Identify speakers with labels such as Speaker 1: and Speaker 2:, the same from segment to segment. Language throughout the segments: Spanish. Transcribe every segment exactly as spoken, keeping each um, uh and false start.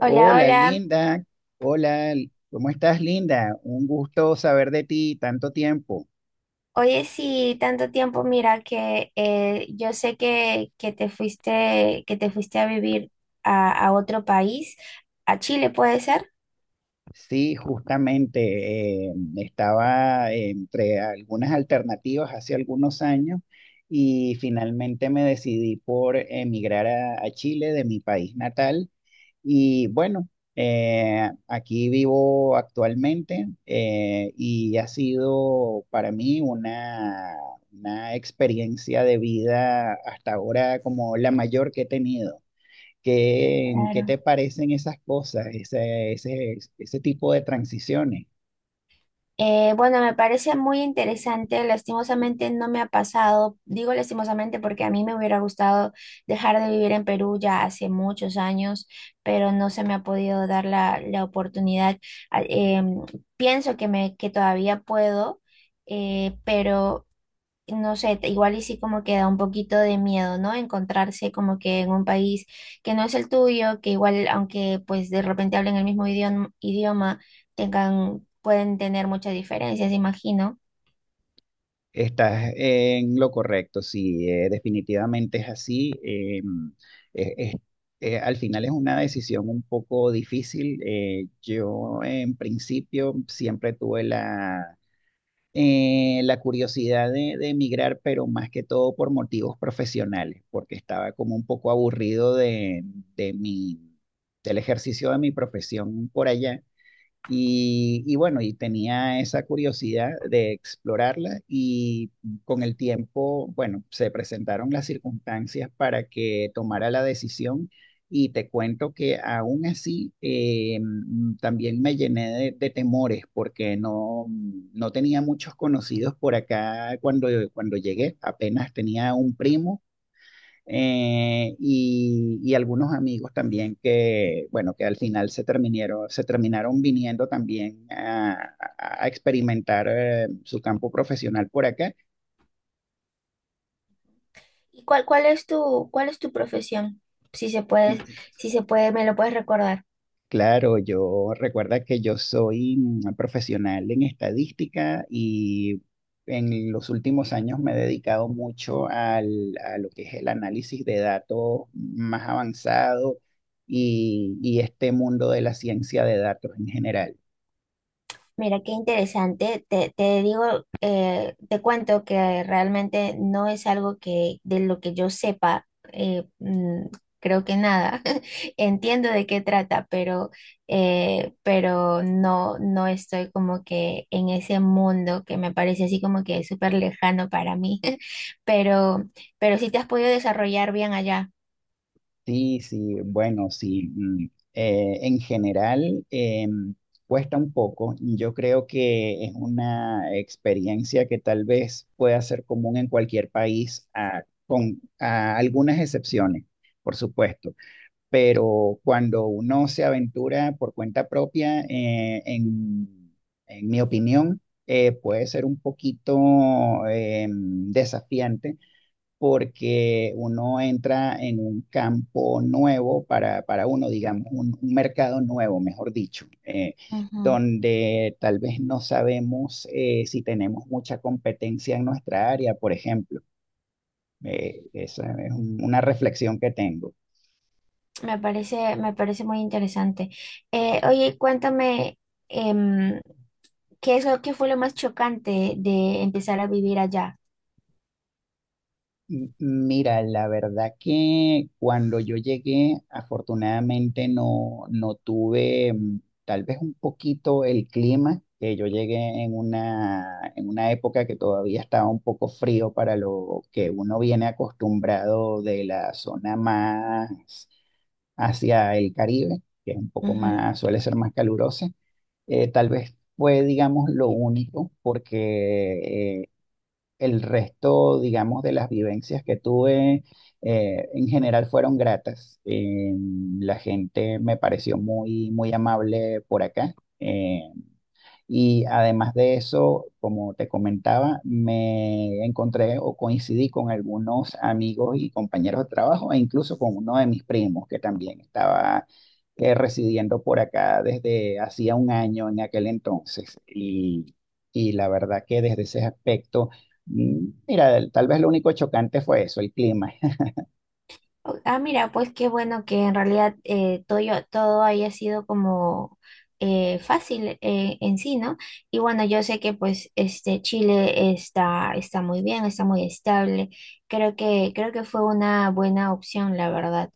Speaker 1: Hola, hola.
Speaker 2: Linda. Hola, ¿cómo estás, Linda? Un gusto saber de ti tanto tiempo.
Speaker 1: Oye, sí, tanto tiempo, mira que eh, yo sé que, que te fuiste, que te fuiste a vivir a, a otro país, a Chile, ¿puede ser?
Speaker 2: Sí, justamente eh, estaba entre algunas alternativas hace algunos años y finalmente me decidí por emigrar a, a Chile de mi país natal. Y bueno, eh, aquí vivo actualmente, eh, y ha sido para mí una, una experiencia de vida hasta ahora como la mayor que he tenido. ¿Qué, qué
Speaker 1: Claro.
Speaker 2: te parecen esas cosas, ese, ese, ese tipo de transiciones?
Speaker 1: Eh, bueno, me parece muy interesante. Lastimosamente no me ha pasado. Digo lastimosamente porque a mí me hubiera gustado dejar de vivir en Perú ya hace muchos años, pero no se me ha podido dar la, la oportunidad. Ah, em, pienso que me, que todavía puedo eh, pero no sé, te- igual y sí como que da un poquito de miedo, ¿no? Encontrarse como que en un país que no es el tuyo, que igual aunque pues de repente hablen el mismo idioma, idioma tengan, pueden tener muchas diferencias, imagino.
Speaker 2: Estás en lo correcto, sí, eh, definitivamente es así. eh, es- es- eh, Al final es una decisión un poco difícil. Eh, yo en principio siempre tuve la, eh, la curiosidad de, de emigrar, pero más que todo por motivos profesionales, porque estaba como un poco aburrido de, de mi, del ejercicio de mi profesión por allá. Y, y bueno, y tenía esa curiosidad de explorarla y con el tiempo, bueno, se presentaron las circunstancias para que tomara la decisión y te cuento que aún así eh, mm, también me llené de, de temores porque no, no tenía muchos conocidos por acá cuando, cuando llegué, apenas tenía un primo, eh, y, y algunos amigos también que, bueno, que al final se terminaron, se terminaron viniendo también a, a- a experimentar eh, su campo profesional por acá.
Speaker 1: ¿Y cuál, cuál es tu, cuál es tu profesión? Si se puede, si se puede, me lo puedes recordar.
Speaker 2: Claro, yo recuerda que yo soy mm, profesional en estadística y en los últimos años me he dedicado mucho al, a lo que es el análisis de datos más avanzado y, y este mundo de la ciencia de datos en general.
Speaker 1: Mira, qué interesante. Te, te digo, eh, te cuento que realmente no es algo que de lo que yo sepa, eh, mm, creo que nada. Entiendo de qué trata, pero, eh, pero no, no estoy como que en ese mundo que me parece así como que súper lejano para mí. Pero, pero sí te has podido desarrollar bien allá.
Speaker 2: Sí, sí, bueno, sí. Mm, eh, en general, em, cuesta un poco. Yo creo que es una experiencia que tal vez pueda ser común en cualquier país, a- con a algunas excepciones, por supuesto. Pero cuando uno se aventura por cuenta propia, eh, en, en mi opinión, eh, puede ser un poquito em, desafiante porque uno entra en un campo nuevo para, para uno, digamos, un, un mercado nuevo, mejor dicho, eh,
Speaker 1: Ujú.
Speaker 2: donde tal vez no sabemos eh, si tenemos mucha competencia en nuestra área, por ejemplo. Eh, esa es un- una reflexión que tengo.
Speaker 1: Me parece, me parece muy interesante. Eh, oye, cuéntame. em, ¿Qué es lo que fue lo más chocante de empezar a vivir allá?
Speaker 2: M- Mira, la verdad que cuando yo llegué, afortunadamente no, no tuve mm, tal vez un poquito el clima, que yo llegué en una, en una época que todavía estaba un poco frío para lo que uno viene acostumbrado de la zona más hacia el Caribe, que es un poco
Speaker 1: Ujú.
Speaker 2: más, suele ser más calurosa. Eh, tal vez fue, digamos, lo único, porque el resto, digamos, de las vivencias que tuve, eh, en general fueron gratas. Eh, la gente me pareció muy, muy amable por acá. Eh, y además de eso, como te comentaba, me encontré o coincidí con algunos amigos y compañeros de trabajo e incluso con uno de mis primos que también estaba eh, residiendo por acá desde hacía un año en aquel entonces. Y, y la verdad que desde ese aspecto, mm, mira, tal vez lo único chocante fue eso, el clima.
Speaker 1: O- Ah, mira, pues qué bueno que en realidad eh, todo, yo- todo haya sido como eh, fácil eh, en sí, ¿no? Y bueno, yo sé que pues este Chile está, está muy bien, está muy estable. Creo que, creo que fue una buena opción, la verdad.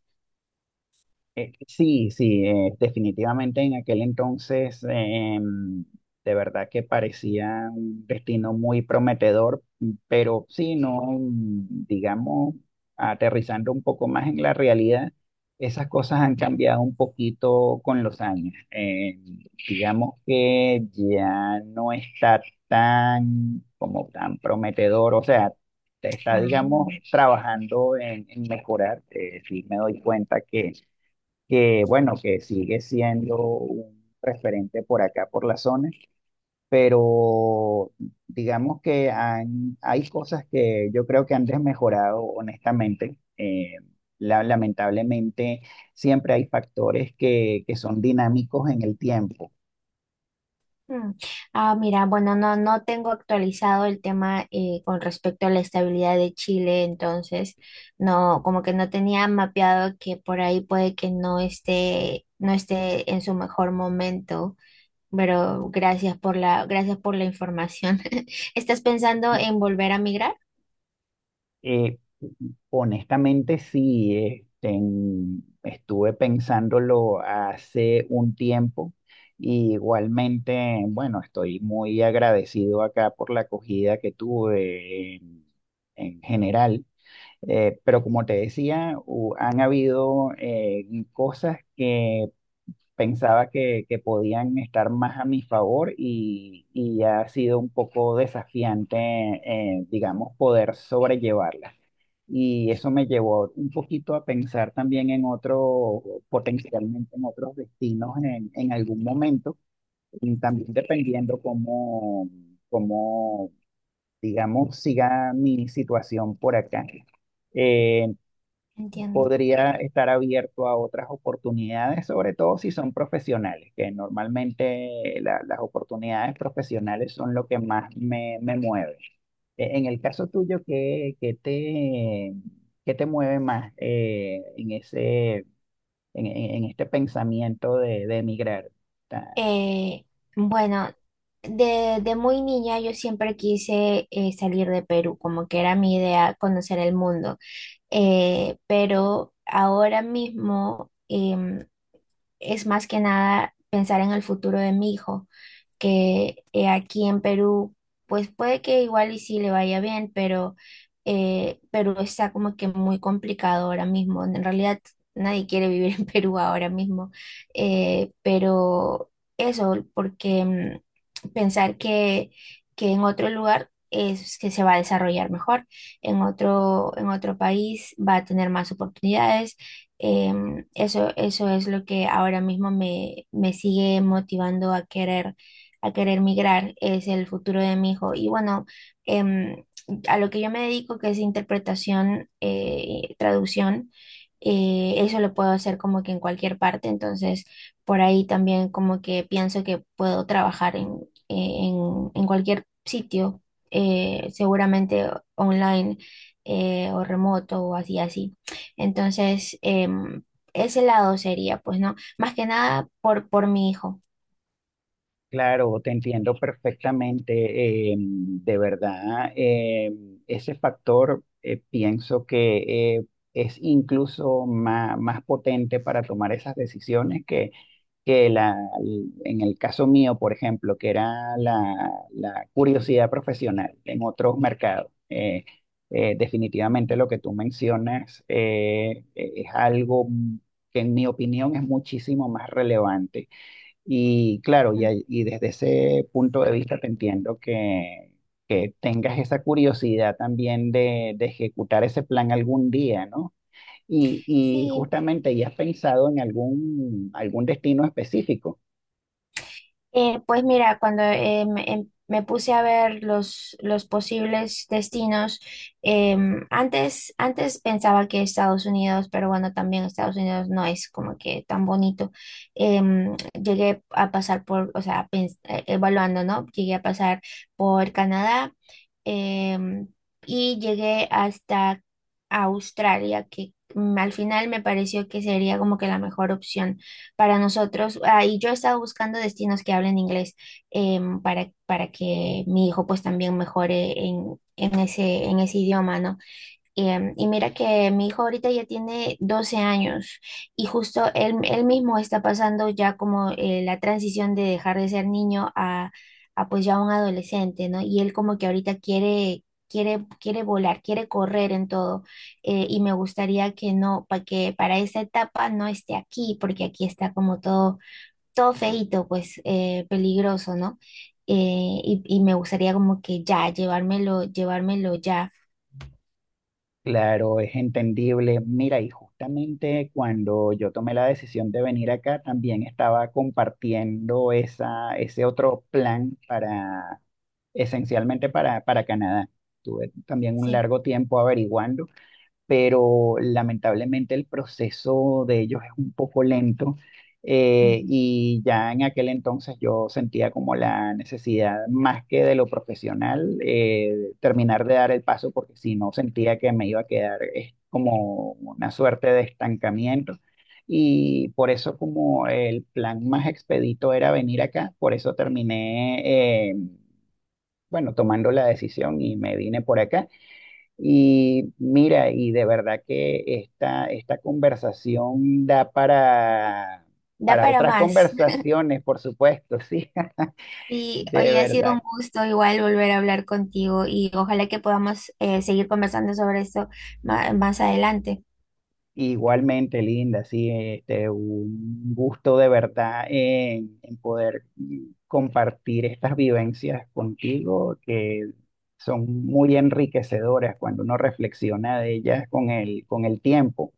Speaker 2: Eh, sí, sí, eh, definitivamente en aquel entonces, eh, em, de verdad que parecía un destino muy prometedor, pero sí, no, mm, digamos, aterrizando un poco más en la realidad, esas cosas han cambiado un poquito con los años. Eh, digamos que ya no está tan, como tan prometedor, o sea, te está,
Speaker 1: Ah.
Speaker 2: digamos, trabajando en, en mejorar. Eh, sí, me doy cuenta que bueno, que sigue siendo un referente por acá, por la zona, pero digamos que han- hay cosas que yo creo que han desmejorado, honestamente. Eh, la- lamentablemente, siempre hay factores que, que son dinámicos en el tiempo.
Speaker 1: Mm. Ah, mira, bueno, no, no tengo actualizado el tema eh, con respecto a la estabilidad de Chile, entonces no, como que no tenía mapeado que por ahí puede que no esté, no esté en su mejor momento, pero gracias por la, gracias por la información. ¿Estás pensando en volver a migrar?
Speaker 2: Eh, Honestamente, sí, este, en- estuve pensándolo hace un tiempo y igualmente, bueno, estoy muy agradecido acá por la acogida que tuve en, en general. Eh, pero como te decía, hu- han habido eh, cosas que pensaba que, que podían estar más a mi favor y, y ha sido un poco desafiante, eh, digamos, poder sobrellevarla. Y eso me llevó un poquito a pensar también en otro, potencialmente en otros destinos en, en algún momento, y también dependiendo cómo, cómo, digamos, siga mi situación por acá. Eh,
Speaker 1: Entiendo.
Speaker 2: podría estar abierto a otras oportunidades, sobre todo si son profesionales, que normalmente la- las oportunidades profesionales son lo que más me, me mueve. E- En el caso tuyo, ¿qué, qué te, qué te mueve más eh, en ese, en, en- en este pensamiento de, de emigrar?
Speaker 1: Eh, bueno, de, de muy niña yo siempre quise eh, salir de Perú, como que era mi idea conocer el mundo. Eh, pero ahora mismo em, es más que nada pensar en el futuro de mi hijo que eh, aquí en Perú, pues puede que igual y sí le vaya bien, pero eh, Perú está como que muy complicado ahora mismo. En realidad nadie quiere vivir en Perú ahora mismo, eh, pero eso, porque mm, pensar que, que en otro lugar es que se va a desarrollar mejor, en otro, en otro país va a tener más oportunidades. Em, eso, eso es lo que ahora mismo me, me sigue motivando a querer a querer migrar, es el futuro de mi hijo. Y bueno, em, a lo que yo me dedico, que es interpretación, eh, traducción, eh, eso lo puedo hacer como que en cualquier parte, entonces por ahí también como que pienso que puedo trabajar en, en, en cualquier sitio, eh, seguramente online eh, o remoto o así, así. Entonces, em, ese lado sería, pues, ¿no? Más que nada por, por mi hijo.
Speaker 2: Claro, te entiendo perfectamente. Eh, de verdad, eh, ese factor eh, pienso que eh, es incluso ma- más potente para tomar esas decisiones que, que la, en el caso mío, por ejemplo, que era la, la curiosidad profesional en otros mercados. Eh, eh, definitivamente lo que tú mencionas eh, es algo que en mi opinión es muchísimo más relevante y claro, y, ahí- y desde ese punto de vista te entiendo que, que tengas esa curiosidad también de, de ejecutar ese plan algún día, ¿no? Y, y
Speaker 1: Sí,
Speaker 2: justamente, ¿y has pensado en algún, algún destino específico?
Speaker 1: Eh, pues mira, cuando eh, me, em- me puse a ver los, los posibles destinos, em, antes, antes pensaba que Estados Unidos, pero bueno, también Estados Unidos no es como que tan bonito. Em, llegué a pasar por, o sea, pens- eh, evaluando, ¿no? Llegué a pasar por Canadá, em, y llegué hasta Australia, que mm, al final me pareció que sería como que la mejor opción para nosotros. Ah, y yo estaba buscando destinos que hablen inglés em, para, para que mi hijo pues también mejore en, en ese, en ese idioma, ¿no? Em, y mira que mi hijo ahorita ya tiene doce años y justo él, él mismo está pasando ya como eh, la transición de dejar de ser niño a, a pues ya un adolescente, ¿no? Y él como que ahorita quiere, quiere, quiere volar, quiere correr en todo. Eh, y me gustaría que no, para que para esa etapa no esté aquí, porque aquí está como todo, todo feíto, pues eh, peligroso, ¿no? Eh, y, y me gustaría como que ya, llevármelo, llevármelo ya.
Speaker 2: Claro, es entendible. Mira, y justamente cuando yo tomé la decisión de venir acá, también estaba compartiendo esa, ese otro plan para, esencialmente para, para Canadá. Tuve también un
Speaker 1: Sí.
Speaker 2: largo tiempo averiguando. Pero lamentablemente el proceso de ellos es un poco lento, eh, y ya en aquel entonces yo sentía como la necesidad, más que de lo profesional, eh, terminar de dar el paso porque si no sentía que me iba a quedar es como una suerte de estancamiento. Y por eso como el plan más expedito era venir acá, por eso terminé, eh, bueno, tomando la decisión y me vine por acá. Y mira, y de verdad que esta, esta conversación da para,
Speaker 1: Da
Speaker 2: para
Speaker 1: para
Speaker 2: otras
Speaker 1: más.
Speaker 2: conversaciones, por supuesto, sí,
Speaker 1: Y
Speaker 2: de
Speaker 1: hoy ha sido
Speaker 2: verdad.
Speaker 1: un gusto igual volver a hablar contigo y ojalá que podamos eh, seguir conversando sobre esto ma- más adelante.
Speaker 2: Igualmente, Linda, sí, este, un gusto de verdad en, en poder mm, compartir estas vivencias contigo, que son muy enriquecedoras cuando uno reflexiona de ellas con el, con el tiempo.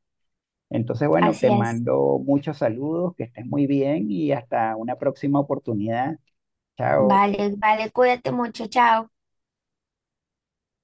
Speaker 2: Entonces, bueno, te
Speaker 1: Así es.
Speaker 2: mando muchos saludos, que estés muy bien y hasta una próxima oportunidad. Chao.
Speaker 1: Vale, vale, cuídate mucho, chao.